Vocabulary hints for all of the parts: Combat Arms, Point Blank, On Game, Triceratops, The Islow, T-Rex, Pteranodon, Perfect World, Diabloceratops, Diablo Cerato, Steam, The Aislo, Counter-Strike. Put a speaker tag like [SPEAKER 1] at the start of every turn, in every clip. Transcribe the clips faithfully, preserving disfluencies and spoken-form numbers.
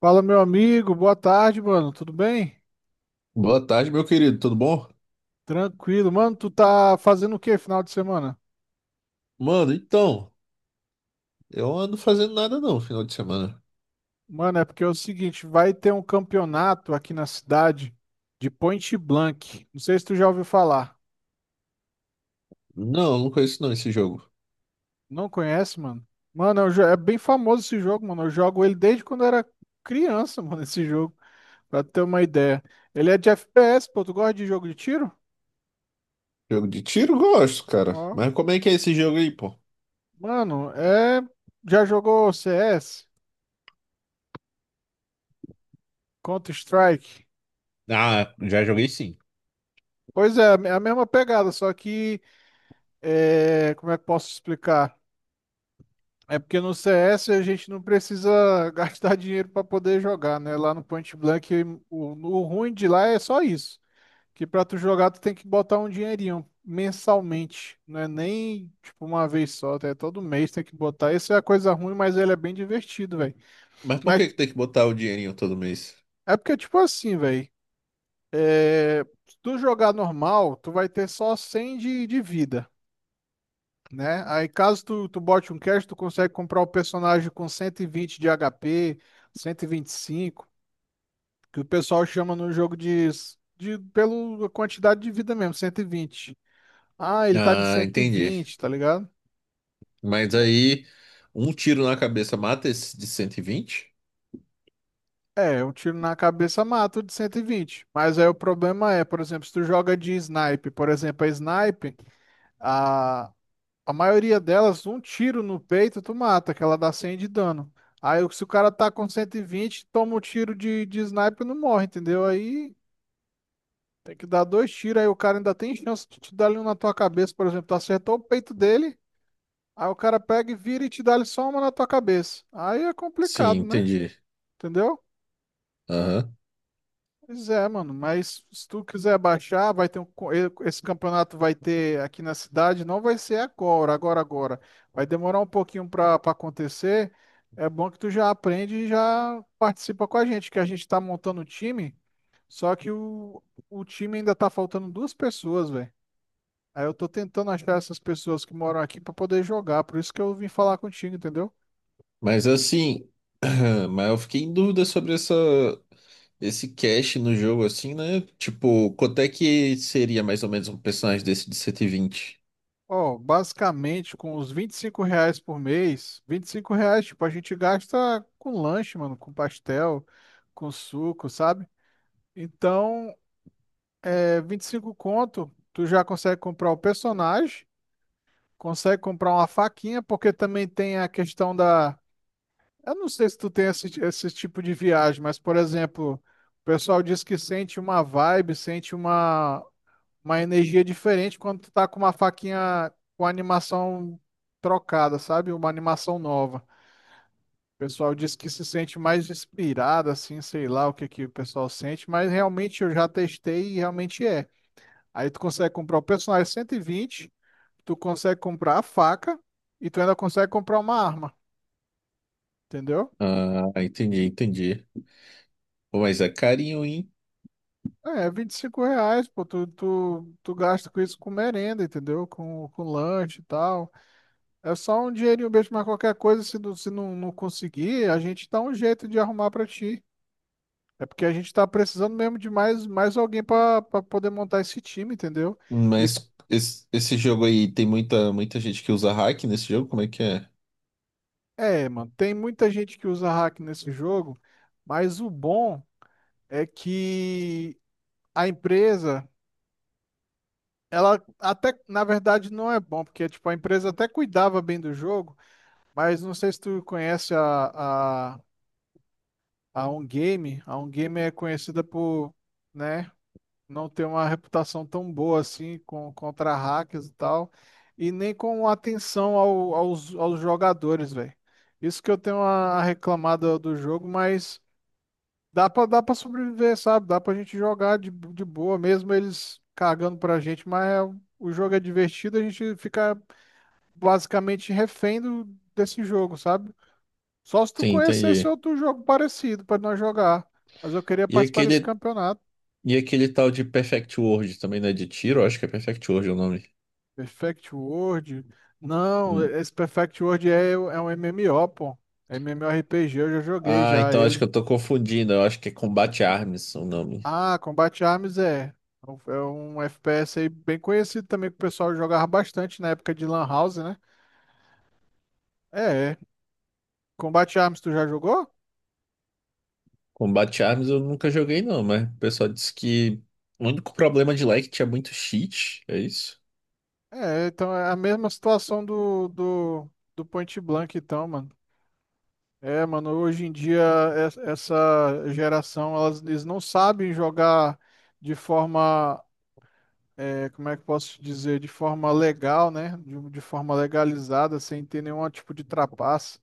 [SPEAKER 1] Fala, meu amigo, boa tarde, mano. Tudo bem?
[SPEAKER 2] Boa tarde, meu querido, tudo bom?
[SPEAKER 1] Tranquilo. Mano, tu tá fazendo o que final de semana?
[SPEAKER 2] Mano, então, eu ando fazendo nada não, final de semana.
[SPEAKER 1] Mano, é porque é o seguinte, vai ter um campeonato aqui na cidade de Point Blank. Não sei se tu já ouviu falar.
[SPEAKER 2] Não, não conheço não esse jogo.
[SPEAKER 1] Não conhece, mano? Mano, é um jo- é bem famoso esse jogo, mano. Eu jogo ele desde quando eu era criança, mano, esse jogo, pra ter uma ideia. Ele é de F P S, pô. Tu gosta de jogo de tiro?
[SPEAKER 2] Jogo de tiro, gosto, cara.
[SPEAKER 1] Ó.
[SPEAKER 2] Mas como é que é esse jogo aí, pô?
[SPEAKER 1] Mano, é... Já jogou C S? Counter-Strike?
[SPEAKER 2] Ah, já joguei sim.
[SPEAKER 1] Pois é, é a mesma pegada, só que é, como é que eu posso explicar? É porque no C S a gente não precisa gastar dinheiro para poder jogar, né? Lá no Point Blank, o, o ruim de lá é só isso, que para tu jogar tu tem que botar um dinheirinho mensalmente, não é nem tipo uma vez só, tá? É todo mês tem que botar. Isso é a coisa ruim, mas ele é bem divertido, velho.
[SPEAKER 2] Mas por
[SPEAKER 1] Mas
[SPEAKER 2] que que tem que botar o dinheirinho todo mês?
[SPEAKER 1] é porque tipo assim, velho, é, se tu jogar normal, tu vai ter só cem de de vida, né? Aí caso tu, tu bote um cash, tu consegue comprar o personagem com cento e vinte de H P, cinco que o pessoal chama no jogo de, de pela quantidade de vida mesmo, cento e vinte. Ah, ele tá de
[SPEAKER 2] Ah,
[SPEAKER 1] cento e
[SPEAKER 2] entendi.
[SPEAKER 1] vinte tá ligado?
[SPEAKER 2] Mas aí, um tiro na cabeça mata esse de cento e vinte?
[SPEAKER 1] É, um tiro na cabeça mata o de cento e vinte. Mas aí o problema é, por exemplo, se tu joga de snipe, por exemplo, a snipe, a A maioria delas, um tiro no peito, tu mata, que ela dá cem de dano. Aí, o- se o cara tá com cento e vinte toma um tiro de, de sniper e não morre, entendeu? Aí tem que dar dois tiros, aí o cara ainda tem chance de te dar ali um na tua cabeça, por exemplo. Tu acertou o peito dele, aí o cara pega e vira e te dá ali só uma na tua cabeça. Aí é
[SPEAKER 2] Sim,
[SPEAKER 1] complicado, né?
[SPEAKER 2] entendi.
[SPEAKER 1] Entendeu?
[SPEAKER 2] Aham.
[SPEAKER 1] Pois é, mano, mas se tu quiser baixar, vai ter um, co- e- esse campeonato vai ter aqui na cidade, não vai ser agora, agora, agora. Vai demorar um pouquinho para acontecer. É bom que tu já aprende e já participa com a gente, que a gente tá montando o time, só que o, o time ainda tá faltando duas pessoas, velho. Aí eu tô tentando achar essas pessoas que moram aqui para poder jogar, por isso que eu vim falar contigo, entendeu?
[SPEAKER 2] Mas assim, mas eu fiquei em dúvida sobre essa, esse cache no jogo, assim, né? Tipo, quanto é que seria mais ou menos um personagem desse de cento e vinte?
[SPEAKER 1] Ó, basicamente, com os vinte e cinco reais por mês, vinte e cinco reais, tipo, a gente gasta com lanche, mano, com pastel, com suco, sabe? Então, é vinte e cinco conto, tu já consegue comprar o personagem, consegue comprar uma faquinha, porque também tem a questão da... Eu não sei se tu tem esse, esse tipo de viagem, mas, por exemplo, o pessoal diz que sente uma vibe, sente uma, uma energia diferente quando tu tá com uma faquinha com animação trocada, sabe? Uma animação nova. O pessoal diz que se sente mais inspirado, assim, sei lá o que que o pessoal sente, mas realmente eu já testei e realmente é. Aí tu consegue comprar o personagem cento e vinte, tu consegue comprar a faca e tu ainda consegue comprar uma arma, entendeu?
[SPEAKER 2] Ah, entendi, entendi. Pô, mas é carinho, hein?
[SPEAKER 1] É, vinte e cinco reais, pô, tu, tu, tu gasta com isso com merenda, entendeu? Com, com lanche e tal. É só um dinheirinho mesmo, mas qualquer coisa, se não, se não, não conseguir, a gente dá um jeito de arrumar pra ti. É porque a gente tá precisando mesmo de mais, mais alguém pra pra poder montar esse time, entendeu? E
[SPEAKER 2] Mas esse, esse jogo aí tem muita, muita gente que usa hack nesse jogo? Como é que é?
[SPEAKER 1] é, mano, tem muita gente que usa hack nesse jogo, mas o bom é que a empresa, ela até, na verdade, não é bom, porque tipo, a empresa até cuidava bem do jogo, mas não sei se tu conhece a, a, a On Game. A On Game é conhecida por, né? Não tem uma reputação tão boa assim com, contra hackers e tal, e nem com atenção ao- aos, aos jogadores, velho. Isso que eu tenho a, a reclamada do do jogo, mas dá pra, dá pra sobreviver, sabe? Dá pra gente jogar de, de boa, mesmo eles cagando pra gente, mas é- o jogo é divertido, a gente fica basicamente refém do- desse jogo, sabe? Só se tu
[SPEAKER 2] Sim,
[SPEAKER 1] conhecesse
[SPEAKER 2] entendi.
[SPEAKER 1] outro jogo parecido pra nós jogar. Mas eu queria
[SPEAKER 2] E
[SPEAKER 1] participar desse
[SPEAKER 2] aquele,
[SPEAKER 1] campeonato.
[SPEAKER 2] e aquele tal de Perfect World também, né? De tiro, acho que é Perfect World o nome.
[SPEAKER 1] Perfect World? Não, esse Perfect World é, o- é um M M O, pô. É MMORPG, eu já joguei
[SPEAKER 2] Ah,
[SPEAKER 1] já
[SPEAKER 2] então acho que
[SPEAKER 1] ele.
[SPEAKER 2] eu tô confundindo. Eu acho que é Combat Arms o nome.
[SPEAKER 1] Ah, Combat Arms é. É um é um F P S aí bem conhecido também que o pessoal jogava bastante na época de Lan House, né? É, é. Combat Arms tu já jogou?
[SPEAKER 2] Combat Arms eu nunca joguei, não, mas o pessoal disse que o único problema de lá é que tinha muito cheat, é isso?
[SPEAKER 1] É, então é a mesma situação do, do, do Point Blank, então, mano. É, mano, hoje em dia es- essa geração, elas, eles não sabem jogar de forma é, como é que eu posso te dizer, de forma legal, né? De, de forma legalizada, sem ter nenhum tipo de trapaça.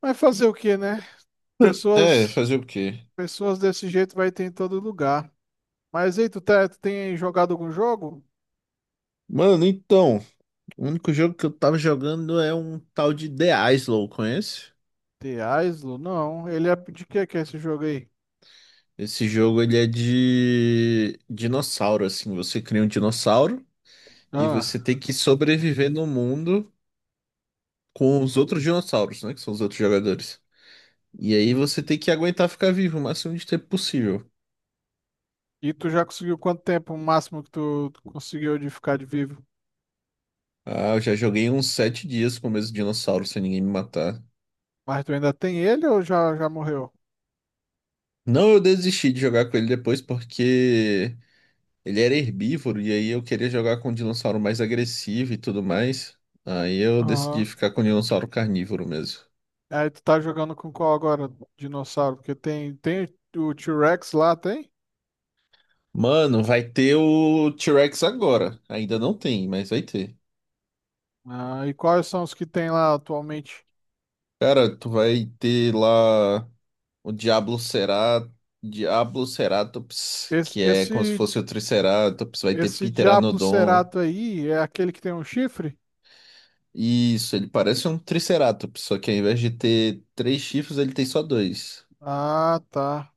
[SPEAKER 1] Mas fazer o quê, né?
[SPEAKER 2] É,
[SPEAKER 1] Pessoas,
[SPEAKER 2] fazer o quê?
[SPEAKER 1] pessoas desse jeito vai ter em todo lugar. Mas aí, tu, tá- tu tem jogado algum jogo?
[SPEAKER 2] Mano, então, o único jogo que eu tava jogando é um tal de The Islow, conhece?
[SPEAKER 1] The Aislo? Não. Ele é de que que é esse jogo aí?
[SPEAKER 2] Esse jogo ele é de dinossauro, assim, você cria um dinossauro e
[SPEAKER 1] Ah.
[SPEAKER 2] você tem que sobreviver no mundo com os outros dinossauros, né, que são os outros jogadores. E aí você
[SPEAKER 1] Hum.
[SPEAKER 2] tem que aguentar ficar vivo o máximo de tempo possível.
[SPEAKER 1] E tu já conseguiu quanto tempo o máximo que tu, tu conseguiu de ficar de vivo?
[SPEAKER 2] Ah, eu já joguei uns sete dias com o mesmo dinossauro sem ninguém me matar.
[SPEAKER 1] Mas tu ainda tem ele ou já, já morreu?
[SPEAKER 2] Não, eu desisti de jogar com ele depois porque ele era herbívoro e aí eu queria jogar com um dinossauro mais agressivo e tudo mais. Aí eu decidi
[SPEAKER 1] Aham.
[SPEAKER 2] ficar com o dinossauro carnívoro mesmo.
[SPEAKER 1] Aí tu tá jogando com qual agora? Dinossauro? Porque tem, tem o T-Rex lá, tem?
[SPEAKER 2] Mano, vai ter o T-Rex agora. Ainda não tem, mas vai ter.
[SPEAKER 1] Ah, e quais são os que tem lá atualmente?
[SPEAKER 2] Cara, tu vai ter lá. O Diablocerá- Diabloceratops,
[SPEAKER 1] Esse,
[SPEAKER 2] que é como se
[SPEAKER 1] esse,
[SPEAKER 2] fosse o Triceratops, vai ter
[SPEAKER 1] esse Diablo
[SPEAKER 2] Pteranodon.
[SPEAKER 1] Cerato aí é aquele que tem um chifre?
[SPEAKER 2] Isso, ele parece um Triceratops, só que ao invés de ter três chifres, ele tem só dois.
[SPEAKER 1] Ah, tá.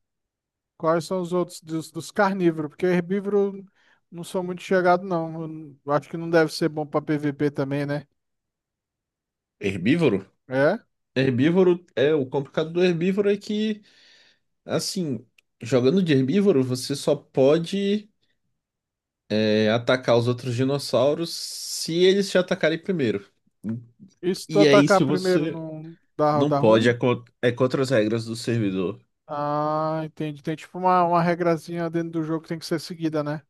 [SPEAKER 1] Quais são os outros dos, dos carnívoros? Porque herbívoro não sou muito chegado, não. Eu não- eu acho que não deve ser bom pra P V P também, né?
[SPEAKER 2] Herbívoro?
[SPEAKER 1] É?
[SPEAKER 2] Herbívoro é o complicado do herbívoro é que, assim, jogando de herbívoro, você só pode é, atacar os outros dinossauros se eles te atacarem primeiro.
[SPEAKER 1] E se tu
[SPEAKER 2] E aí,
[SPEAKER 1] atacar
[SPEAKER 2] se
[SPEAKER 1] primeiro,
[SPEAKER 2] você
[SPEAKER 1] não dá,
[SPEAKER 2] não
[SPEAKER 1] dá
[SPEAKER 2] pode, é,
[SPEAKER 1] ruim?
[SPEAKER 2] co- é contra as regras do servidor.
[SPEAKER 1] Ah, entendi. Tem tipo uma, uma regrazinha dentro do jogo que tem que ser seguida, né?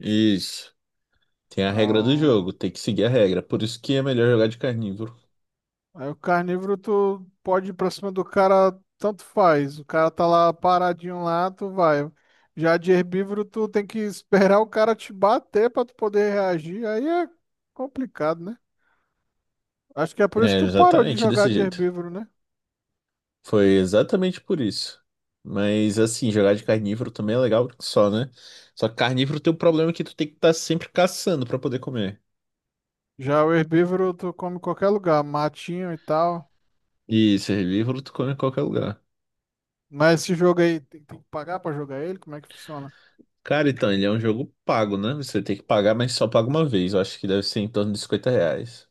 [SPEAKER 2] Isso. Tem a regra do
[SPEAKER 1] Ah,
[SPEAKER 2] jogo, tem que seguir a regra. Por isso que é melhor jogar de carnívoro.
[SPEAKER 1] aí o carnívoro, tu pode ir pra cima do cara, tanto faz. O cara tá lá paradinho lá, tu vai. Já de herbívoro, tu tem que esperar o cara te bater pra tu poder reagir. Aí é complicado, né? Acho que é por isso
[SPEAKER 2] É,
[SPEAKER 1] que tu parou de
[SPEAKER 2] exatamente
[SPEAKER 1] jogar
[SPEAKER 2] desse
[SPEAKER 1] de
[SPEAKER 2] jeito.
[SPEAKER 1] herbívoro, né?
[SPEAKER 2] Foi exatamente por isso. Mas assim, jogar de carnívoro também é legal só, né? Só que carnívoro tem o problema que tu tem que estar sempre caçando pra poder comer.
[SPEAKER 1] Já o herbívoro, tu come em qualquer lugar, matinho e tal.
[SPEAKER 2] E esse herbívoro tu come em qualquer lugar.
[SPEAKER 1] Mas esse jogo aí, tem, tem que pagar pra jogar ele? Como é que funciona?
[SPEAKER 2] Cara, então, ele é um jogo pago, né? Você tem que pagar, mas só paga uma vez. Eu acho que deve ser em torno de cinquenta reais.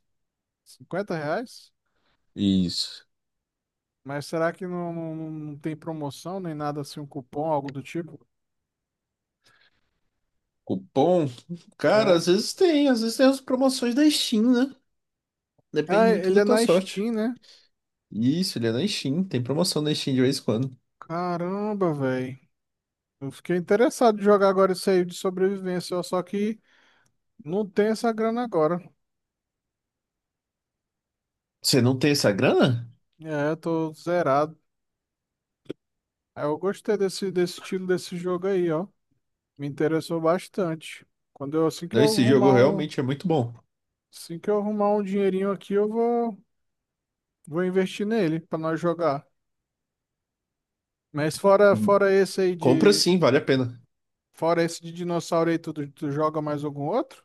[SPEAKER 1] Cinquenta reais?
[SPEAKER 2] Isso.
[SPEAKER 1] Mas será que não, não, não tem promoção nem nada assim, um cupom, algo do tipo?
[SPEAKER 2] Cupom? Cara, às
[SPEAKER 1] É.
[SPEAKER 2] vezes tem, às vezes tem as promoções da Steam, né? Depende
[SPEAKER 1] Ah,
[SPEAKER 2] muito
[SPEAKER 1] ele
[SPEAKER 2] da
[SPEAKER 1] é
[SPEAKER 2] tua
[SPEAKER 1] na
[SPEAKER 2] sorte.
[SPEAKER 1] Steam, né?
[SPEAKER 2] Isso, ele é na Steam. Tem promoção na Steam de vez em quando.
[SPEAKER 1] Caramba, velho. Eu fiquei interessado em jogar agora isso aí de sobrevivência, ó, só que não tem essa grana agora.
[SPEAKER 2] Você não tem essa grana?
[SPEAKER 1] É, eu tô zerado. Aí eu gostei desse, desse estilo desse jogo aí, ó. Me interessou bastante. Quando eu, assim que
[SPEAKER 2] Não,
[SPEAKER 1] eu
[SPEAKER 2] esse jogo
[SPEAKER 1] arrumar um,
[SPEAKER 2] realmente é muito bom.
[SPEAKER 1] assim que eu arrumar um dinheirinho aqui, eu vou, vou investir nele pra nós jogar. Mas fora,
[SPEAKER 2] Hum,
[SPEAKER 1] fora esse aí
[SPEAKER 2] Compra
[SPEAKER 1] de,
[SPEAKER 2] sim, vale a pena.
[SPEAKER 1] fora esse de dinossauro aí, tu, tu joga mais algum outro?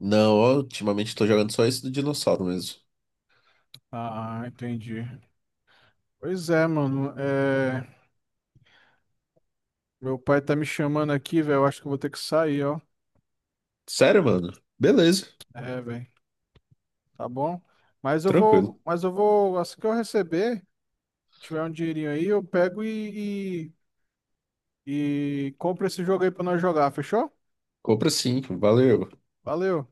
[SPEAKER 2] Não, ó, ultimamente tô jogando só esse do dinossauro mesmo.
[SPEAKER 1] Ah, entendi. Pois é, mano. É... Meu pai tá me chamando aqui, velho. Eu acho que eu vou ter que sair, ó.
[SPEAKER 2] Sério, mano? Beleza,
[SPEAKER 1] É, velho. Tá bom? Mas eu
[SPEAKER 2] tranquilo.
[SPEAKER 1] vou, mas eu vou, assim que eu receber, tiver um dinheirinho aí, eu pego e, e, e compro esse jogo aí pra nós jogar, fechou?
[SPEAKER 2] Compra sim, valeu.
[SPEAKER 1] Valeu.